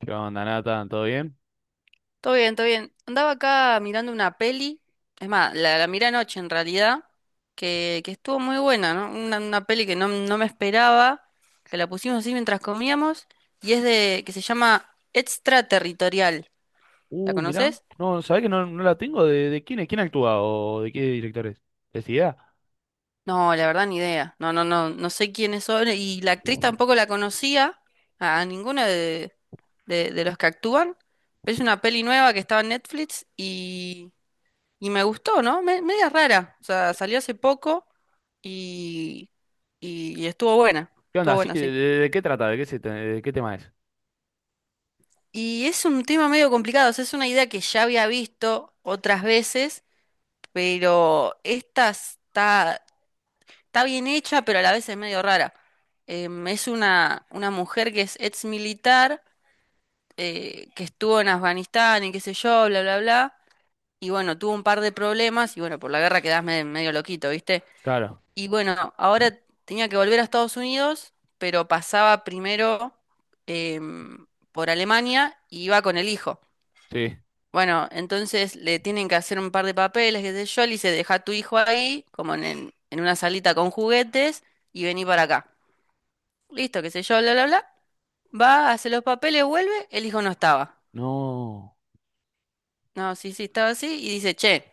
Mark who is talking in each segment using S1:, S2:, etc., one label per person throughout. S1: ¿Qué onda, Nathan? ¿Todo bien?
S2: Todo bien, todo bien. Andaba acá mirando una peli, es más, la miré anoche en realidad, que estuvo muy buena, ¿no? Una peli que no me esperaba, que la pusimos así mientras comíamos, y es de, que se llama Extraterritorial. ¿La
S1: Mirá.
S2: conoces?
S1: No, ¿sabés que no la tengo? ¿De quién es? ¿Quién actúa? ¿O de qué directores? ¿Es idea?
S2: No, la verdad ni idea. No, no, no, no sé quiénes son, y la actriz tampoco la conocía, a ninguna de, de los que actúan, pero es una peli nueva que estaba en Netflix. Y me gustó, ¿no? Media rara. O sea, salió hace poco y, y estuvo buena.
S1: ¿Qué
S2: Estuvo
S1: onda? Sí,
S2: buena,
S1: ¿de,
S2: sí.
S1: de- de qué trata? ¿De qué, se, de qué tema es?
S2: Y es un tema medio complicado. O sea, es una idea que ya había visto otras veces, pero esta está bien hecha, pero a la vez es medio rara. Es una mujer que es ex militar, que estuvo en Afganistán y qué sé yo, bla, bla, bla. Y bueno, tuvo un par de problemas y bueno, por la guerra quedás medio loquito, ¿viste?
S1: Claro,
S2: Y bueno, ahora tenía que volver a Estados Unidos, pero pasaba primero em, por Alemania y iba con el hijo.
S1: sí.
S2: Bueno, entonces le tienen que hacer un par de papeles, qué sé yo, le dice, deja a tu hijo ahí, como en, en una salita con juguetes, y vení para acá. Listo, qué sé yo, bla, bla, bla. Va, hace los papeles, vuelve, el hijo no estaba.
S1: No.
S2: No, sí, sí, estaba así y dice, che,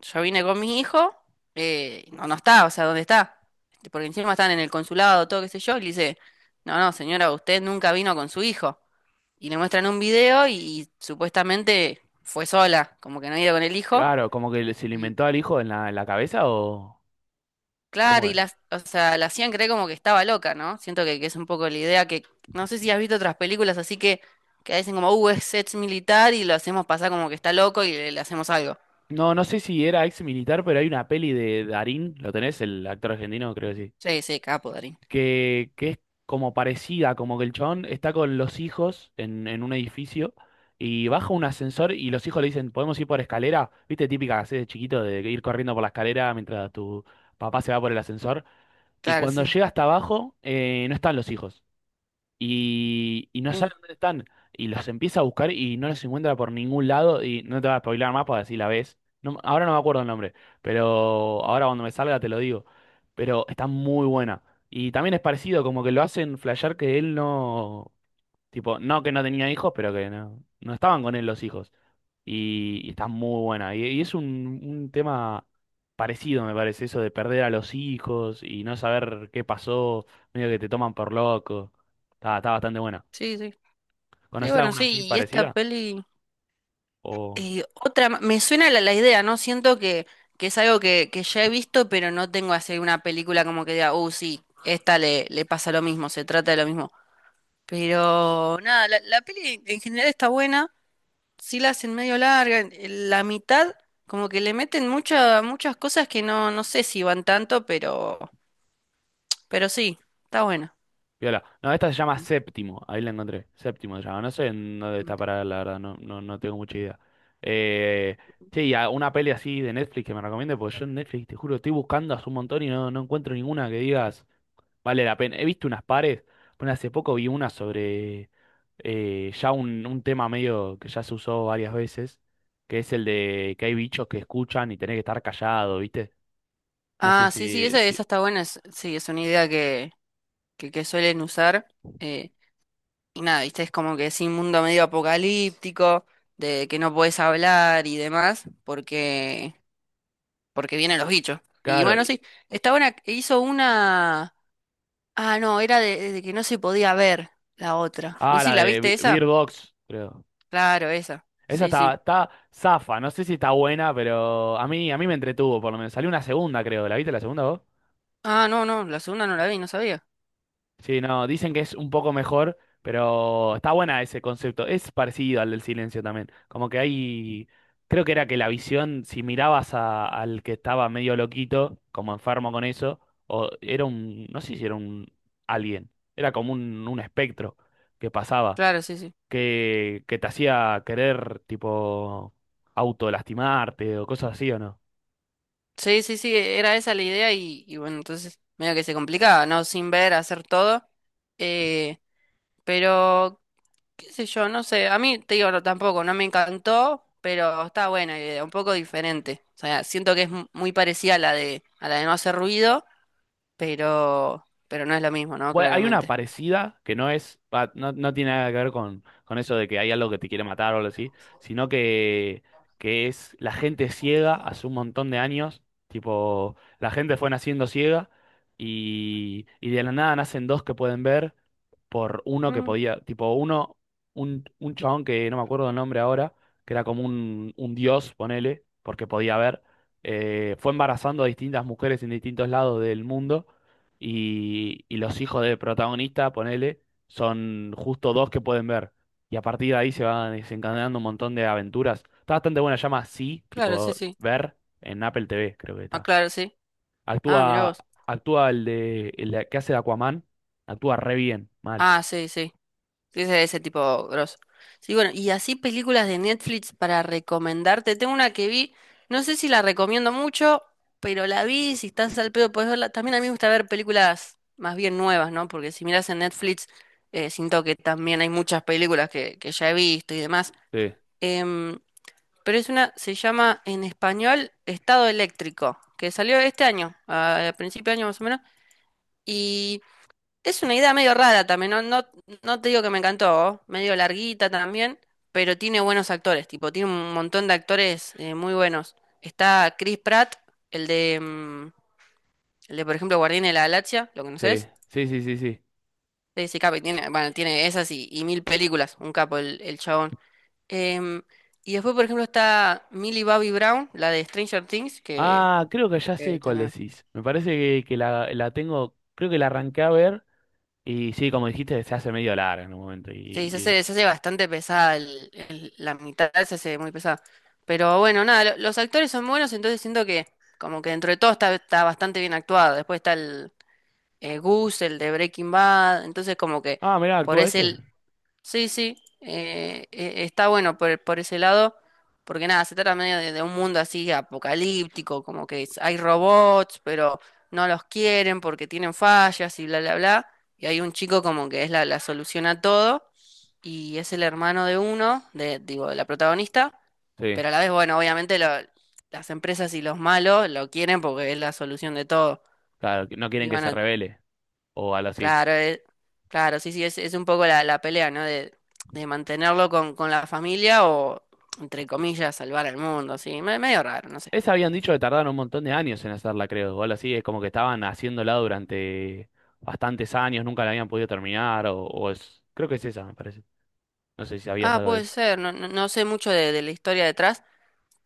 S2: yo vine con mi hijo, no, no está, o sea, ¿dónde está? Este, porque encima están en el consulado, todo qué sé yo, y le dice, no, no, señora, usted nunca vino con su hijo. Y le muestran un video y supuestamente fue sola, como que no iba con el hijo.
S1: Claro, como que se le
S2: Y
S1: inventó al hijo en en la cabeza
S2: claro,
S1: ¿Cómo
S2: y
S1: es?
S2: las, o sea, la hacían creer como que estaba loca, ¿no? Siento que es un poco la idea que, no sé si has visto otras películas así que dicen como, es ex militar y lo hacemos pasar como que está loco y le hacemos algo.
S1: No, no sé si era ex militar, pero hay una peli de Darín, ¿lo tenés? El actor argentino, creo que sí.
S2: Sí, sí, capo, Darín.
S1: Que es como parecida, como que el chabón está con los hijos en un edificio y baja un ascensor y los hijos le dicen, ¿podemos ir por escalera? ¿Viste? Típica que hacés de chiquito de ir corriendo por la escalera mientras tu papá se va por el ascensor. Y
S2: Claro,
S1: cuando
S2: sí.
S1: llega hasta abajo, no están los hijos y no
S2: Bueno,
S1: sabe dónde están. Y los empieza a buscar y no los encuentra por ningún lado. Y no te va a spoiler más para decir la ves. No, ahora no me acuerdo el nombre, pero ahora cuando me salga te lo digo. Pero está muy buena. Y también es parecido, como que lo hacen flashear que él no. Tipo, no que no tenía hijos, pero que no estaban con él los hijos. Y está muy buena. Y es un tema parecido, me parece, eso de perder a los hijos y no saber qué pasó, medio que te toman por loco. Está bastante buena.
S2: sí, sí. Sí,
S1: ¿Conoces
S2: bueno,
S1: alguna así
S2: sí, y esta
S1: parecida?
S2: peli,
S1: O...
S2: otra, me suena la idea, ¿no? Siento que es algo que ya he visto, pero no tengo así una película como que diga, oh, sí, esta le, le pasa lo mismo, se trata de lo mismo. Pero nada, la peli en general está buena, sí la hacen medio larga, en la mitad como que le meten muchas muchas cosas que no, no sé si van tanto, pero sí, está buena.
S1: Viola. No, esta se llama Séptimo. Ahí la encontré. Séptimo se llama. No sé en dónde está parada, la verdad. No tengo mucha idea. Eh, che, y una peli así de Netflix que me recomiende, porque yo en Netflix, te juro, estoy buscando hace un montón y no encuentro ninguna que digas vale la pena. He visto unas pares. Bueno, hace poco vi una sobre ya un tema medio que ya se usó varias veces, que es el de que hay bichos que escuchan y tenés que estar callado, ¿viste? No sé
S2: Ah, sí, sí,
S1: si.
S2: esa,
S1: ti-
S2: esa está buena, sí, es una idea que suelen usar. Eh, y nada, viste, es como que es un mundo medio apocalíptico, de que no podés hablar y demás, porque, porque vienen los bichos. Y
S1: Claro.
S2: bueno,
S1: y-
S2: sí, esta buena hizo una. Ah, no, era de que no se podía ver la otra. No
S1: Ah,
S2: sé, si
S1: la
S2: ¿la
S1: de
S2: viste esa?
S1: Bird Box, creo.
S2: Claro, esa.
S1: Esa
S2: Sí, sí.
S1: está zafa, no sé si está buena, pero a mí me entretuvo, por lo menos. Salió una segunda, creo. ¿La viste la segunda vos?
S2: Ah, no, no, la segunda no la vi, no sabía.
S1: Sí, no, dicen que es un poco mejor, pero está buena ese concepto. Es parecido al del silencio también. Como que hay, creo que era que la visión, si mirabas al que estaba medio loquito, como enfermo con eso, o era un, no sé si era un alien, era como un espectro que pasaba.
S2: Claro, sí, sí.
S1: Que te hacía querer, tipo, autolastimarte o cosas así, ¿o no?
S2: Sí, sí, sí, era esa la idea y bueno, entonces medio que se complicaba, ¿no? Sin ver, hacer todo. Eh, pero qué sé yo, no sé, a mí te digo, no, tampoco, no me encantó, pero está buena la idea, un poco diferente. O sea, siento que es muy parecida a la de no hacer ruido, pero no es lo mismo, ¿no?
S1: Bueno, hay una
S2: Claramente.
S1: parecida que no es, va, no, no tiene nada que ver con eso de que hay algo que te quiere matar o algo así, sino que es la gente ciega hace un montón de años, tipo, la gente fue naciendo ciega y de la nada nacen dos que pueden ver por uno que
S2: Mm,
S1: podía, tipo uno, un chabón que no me acuerdo el nombre ahora, que era como un dios, ponele, porque podía ver, fue embarazando a distintas mujeres en distintos lados del mundo y los hijos del protagonista, ponele, son justo dos que pueden ver. Y a partir de ahí se van desencadenando un montón de aventuras. Está bastante buena, se llama sí,
S2: claro, sí,
S1: tipo
S2: sí.
S1: ver en Apple TV, creo que
S2: Ah,
S1: está.
S2: claro, sí. Ah, mirá
S1: Actúa,
S2: vos.
S1: actúa el de, que hace de Aquaman, actúa re bien, mal.
S2: Ah, sí, sí. Sí, ese tipo grosso. Sí, bueno, y así películas de Netflix para recomendarte. Tengo una que vi, no sé si la recomiendo mucho, pero la vi, si estás al pedo podés verla. También a mí me gusta ver películas más bien nuevas, ¿no? Porque si miras en Netflix, siento que también hay muchas películas que ya he visto y demás.
S1: Sí.
S2: Em, pero es una, se llama en español Estado Eléctrico, que salió este año, a principio de año más o menos. Es una idea medio rara también, no, no, no te digo que me encantó, medio larguita también, pero tiene buenos actores, tipo, tiene un montón de actores muy buenos. Está Chris Pratt, el de, el de, por ejemplo, Guardián de la Galaxia, ¿lo
S1: Sí,
S2: conoces?
S1: sí, sí, sí, sí.
S2: Ese capo, y tiene, bueno, tiene esas y mil películas, un capo el chabón. Em, y después, por ejemplo, está Millie Bobby Brown, la de Stranger Things,
S1: Ah, creo que ya
S2: que
S1: sé cuál
S2: también...
S1: decís. Me parece que la tengo, creo que la arranqué a ver y sí, como dijiste, se hace medio larga en un momento.
S2: Sí,
S1: Y-
S2: se hace bastante pesada la mitad, se hace muy pesada. Pero bueno, nada, los actores son buenos, entonces siento que como que dentro de todo está, está bastante bien actuado. Después está el Gus, el de Breaking Bad, entonces como que
S1: Ah, mirá,
S2: por
S1: actúa ese.
S2: ese sí, sí, está bueno por ese lado, porque nada, se trata medio de un mundo así apocalíptico, como que hay robots, pero no los quieren porque tienen fallas y bla, bla, bla, y hay un chico como que es la solución a todo, y es el hermano de uno, de, digo, de la protagonista,
S1: Sí,
S2: pero a la vez, bueno, obviamente las empresas y los malos lo quieren porque es la solución de todo,
S1: claro, que no
S2: y
S1: quieren que se
S2: bueno,
S1: revele o algo así.
S2: claro, claro, sí, sí, es un poco la pelea, ¿no? De mantenerlo con la familia o, entre comillas, salvar al mundo, sí, medio raro, no sé.
S1: Esa habían dicho que tardaron un montón de años en hacerla, creo, o algo así. Es como que estaban haciéndola durante bastantes años, nunca la habían podido terminar o es... Creo que es esa, me parece. No sé si sabías
S2: Ah,
S1: algo de
S2: puede
S1: eso.
S2: ser, no, no, no sé mucho de la historia detrás,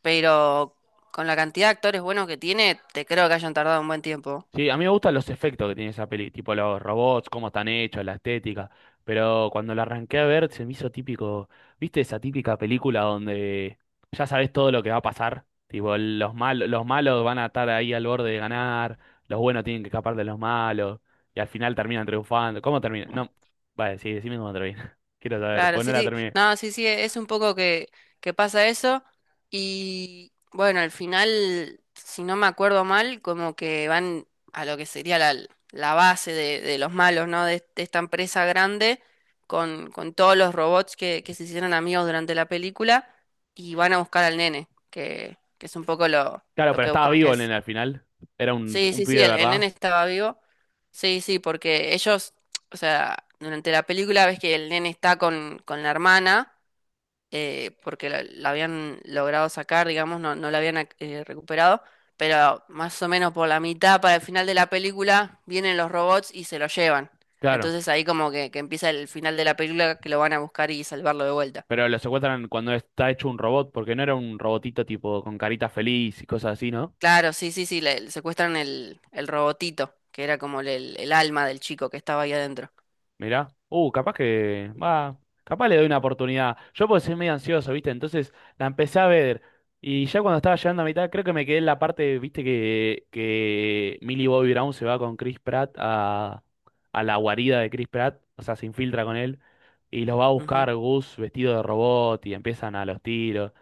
S2: pero con la cantidad de actores buenos que tiene, te creo que hayan tardado un buen tiempo.
S1: Sí, a mí me gustan los efectos que tiene esa peli, tipo los robots, cómo están hechos, la estética, pero cuando la arranqué a ver se me hizo típico, ¿viste esa típica película donde ya sabes todo lo que va a pasar? Tipo, los malos van a estar ahí al borde de ganar, los buenos tienen que escapar de los malos, y al final terminan triunfando. ¿Cómo termina? No, vale, sí, decime cómo termina. Quiero saber,
S2: Claro,
S1: pues no
S2: sí,
S1: la
S2: sí.
S1: terminé.
S2: No, sí, sí, es un poco que pasa eso. Y bueno, al final, si no me acuerdo mal, como que van a lo que sería la base de los malos, ¿no? De esta empresa grande con todos los robots que se hicieron amigos durante la película y van a buscar al nene, que es un poco
S1: Claro,
S2: lo
S1: pero
S2: que
S1: estaba
S2: buscan,
S1: vivo en el final, era
S2: sí,
S1: un
S2: sí,
S1: pibe
S2: sí,
S1: de
S2: el nene
S1: verdad.
S2: estaba vivo. Sí, sí, porque ellos, o sea, durante la película ves que el nene está con la hermana, porque la habían logrado sacar, digamos, no, no la habían recuperado, pero más o menos por la mitad, para el final de la película, vienen los robots y se lo llevan.
S1: Claro.
S2: Entonces ahí como que empieza el final de la película que lo van a buscar y salvarlo de vuelta.
S1: Pero lo secuestran cuando está hecho un robot, porque no era un robotito tipo con carita feliz y cosas así, no.
S2: Claro, sí, sí, sí, le secuestran el robotito, que era como el alma del chico que estaba ahí adentro.
S1: Mirá. Capaz que. Va. Capaz le doy una oportunidad. Yo porque soy medio ansioso, ¿viste? Entonces la empecé a ver. Y ya cuando estaba llegando a mitad, creo que me quedé en la parte, ¿viste? Que Millie Bobby Brown se va con Chris Pratt a la guarida de Chris Pratt. O sea, se infiltra con él. Y los va a buscar Gus vestido de robot. Y empiezan a los tiros.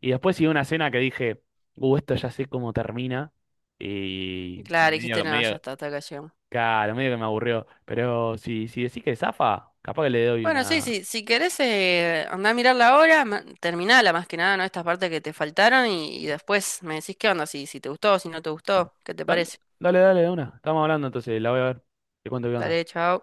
S1: Y después sigue una escena que dije, esto ya sé cómo termina. Y
S2: Claro,
S1: medio,
S2: dijiste, no, ya
S1: medio.
S2: está, hasta acá llegamos.
S1: Claro, medio que me aburrió. Pero si, si decís que zafa, capaz que le doy
S2: Bueno, sí,
S1: una.
S2: sí, si querés, andá a mirar la hora, terminala más que nada, ¿no? Estas partes que te faltaron y después me decís qué onda, si, si te gustó, si no te gustó, ¿qué te
S1: Dale,
S2: parece?
S1: dale, dale, de una. Estamos hablando entonces, la voy a ver. Te cuento qué onda.
S2: Dale, chao.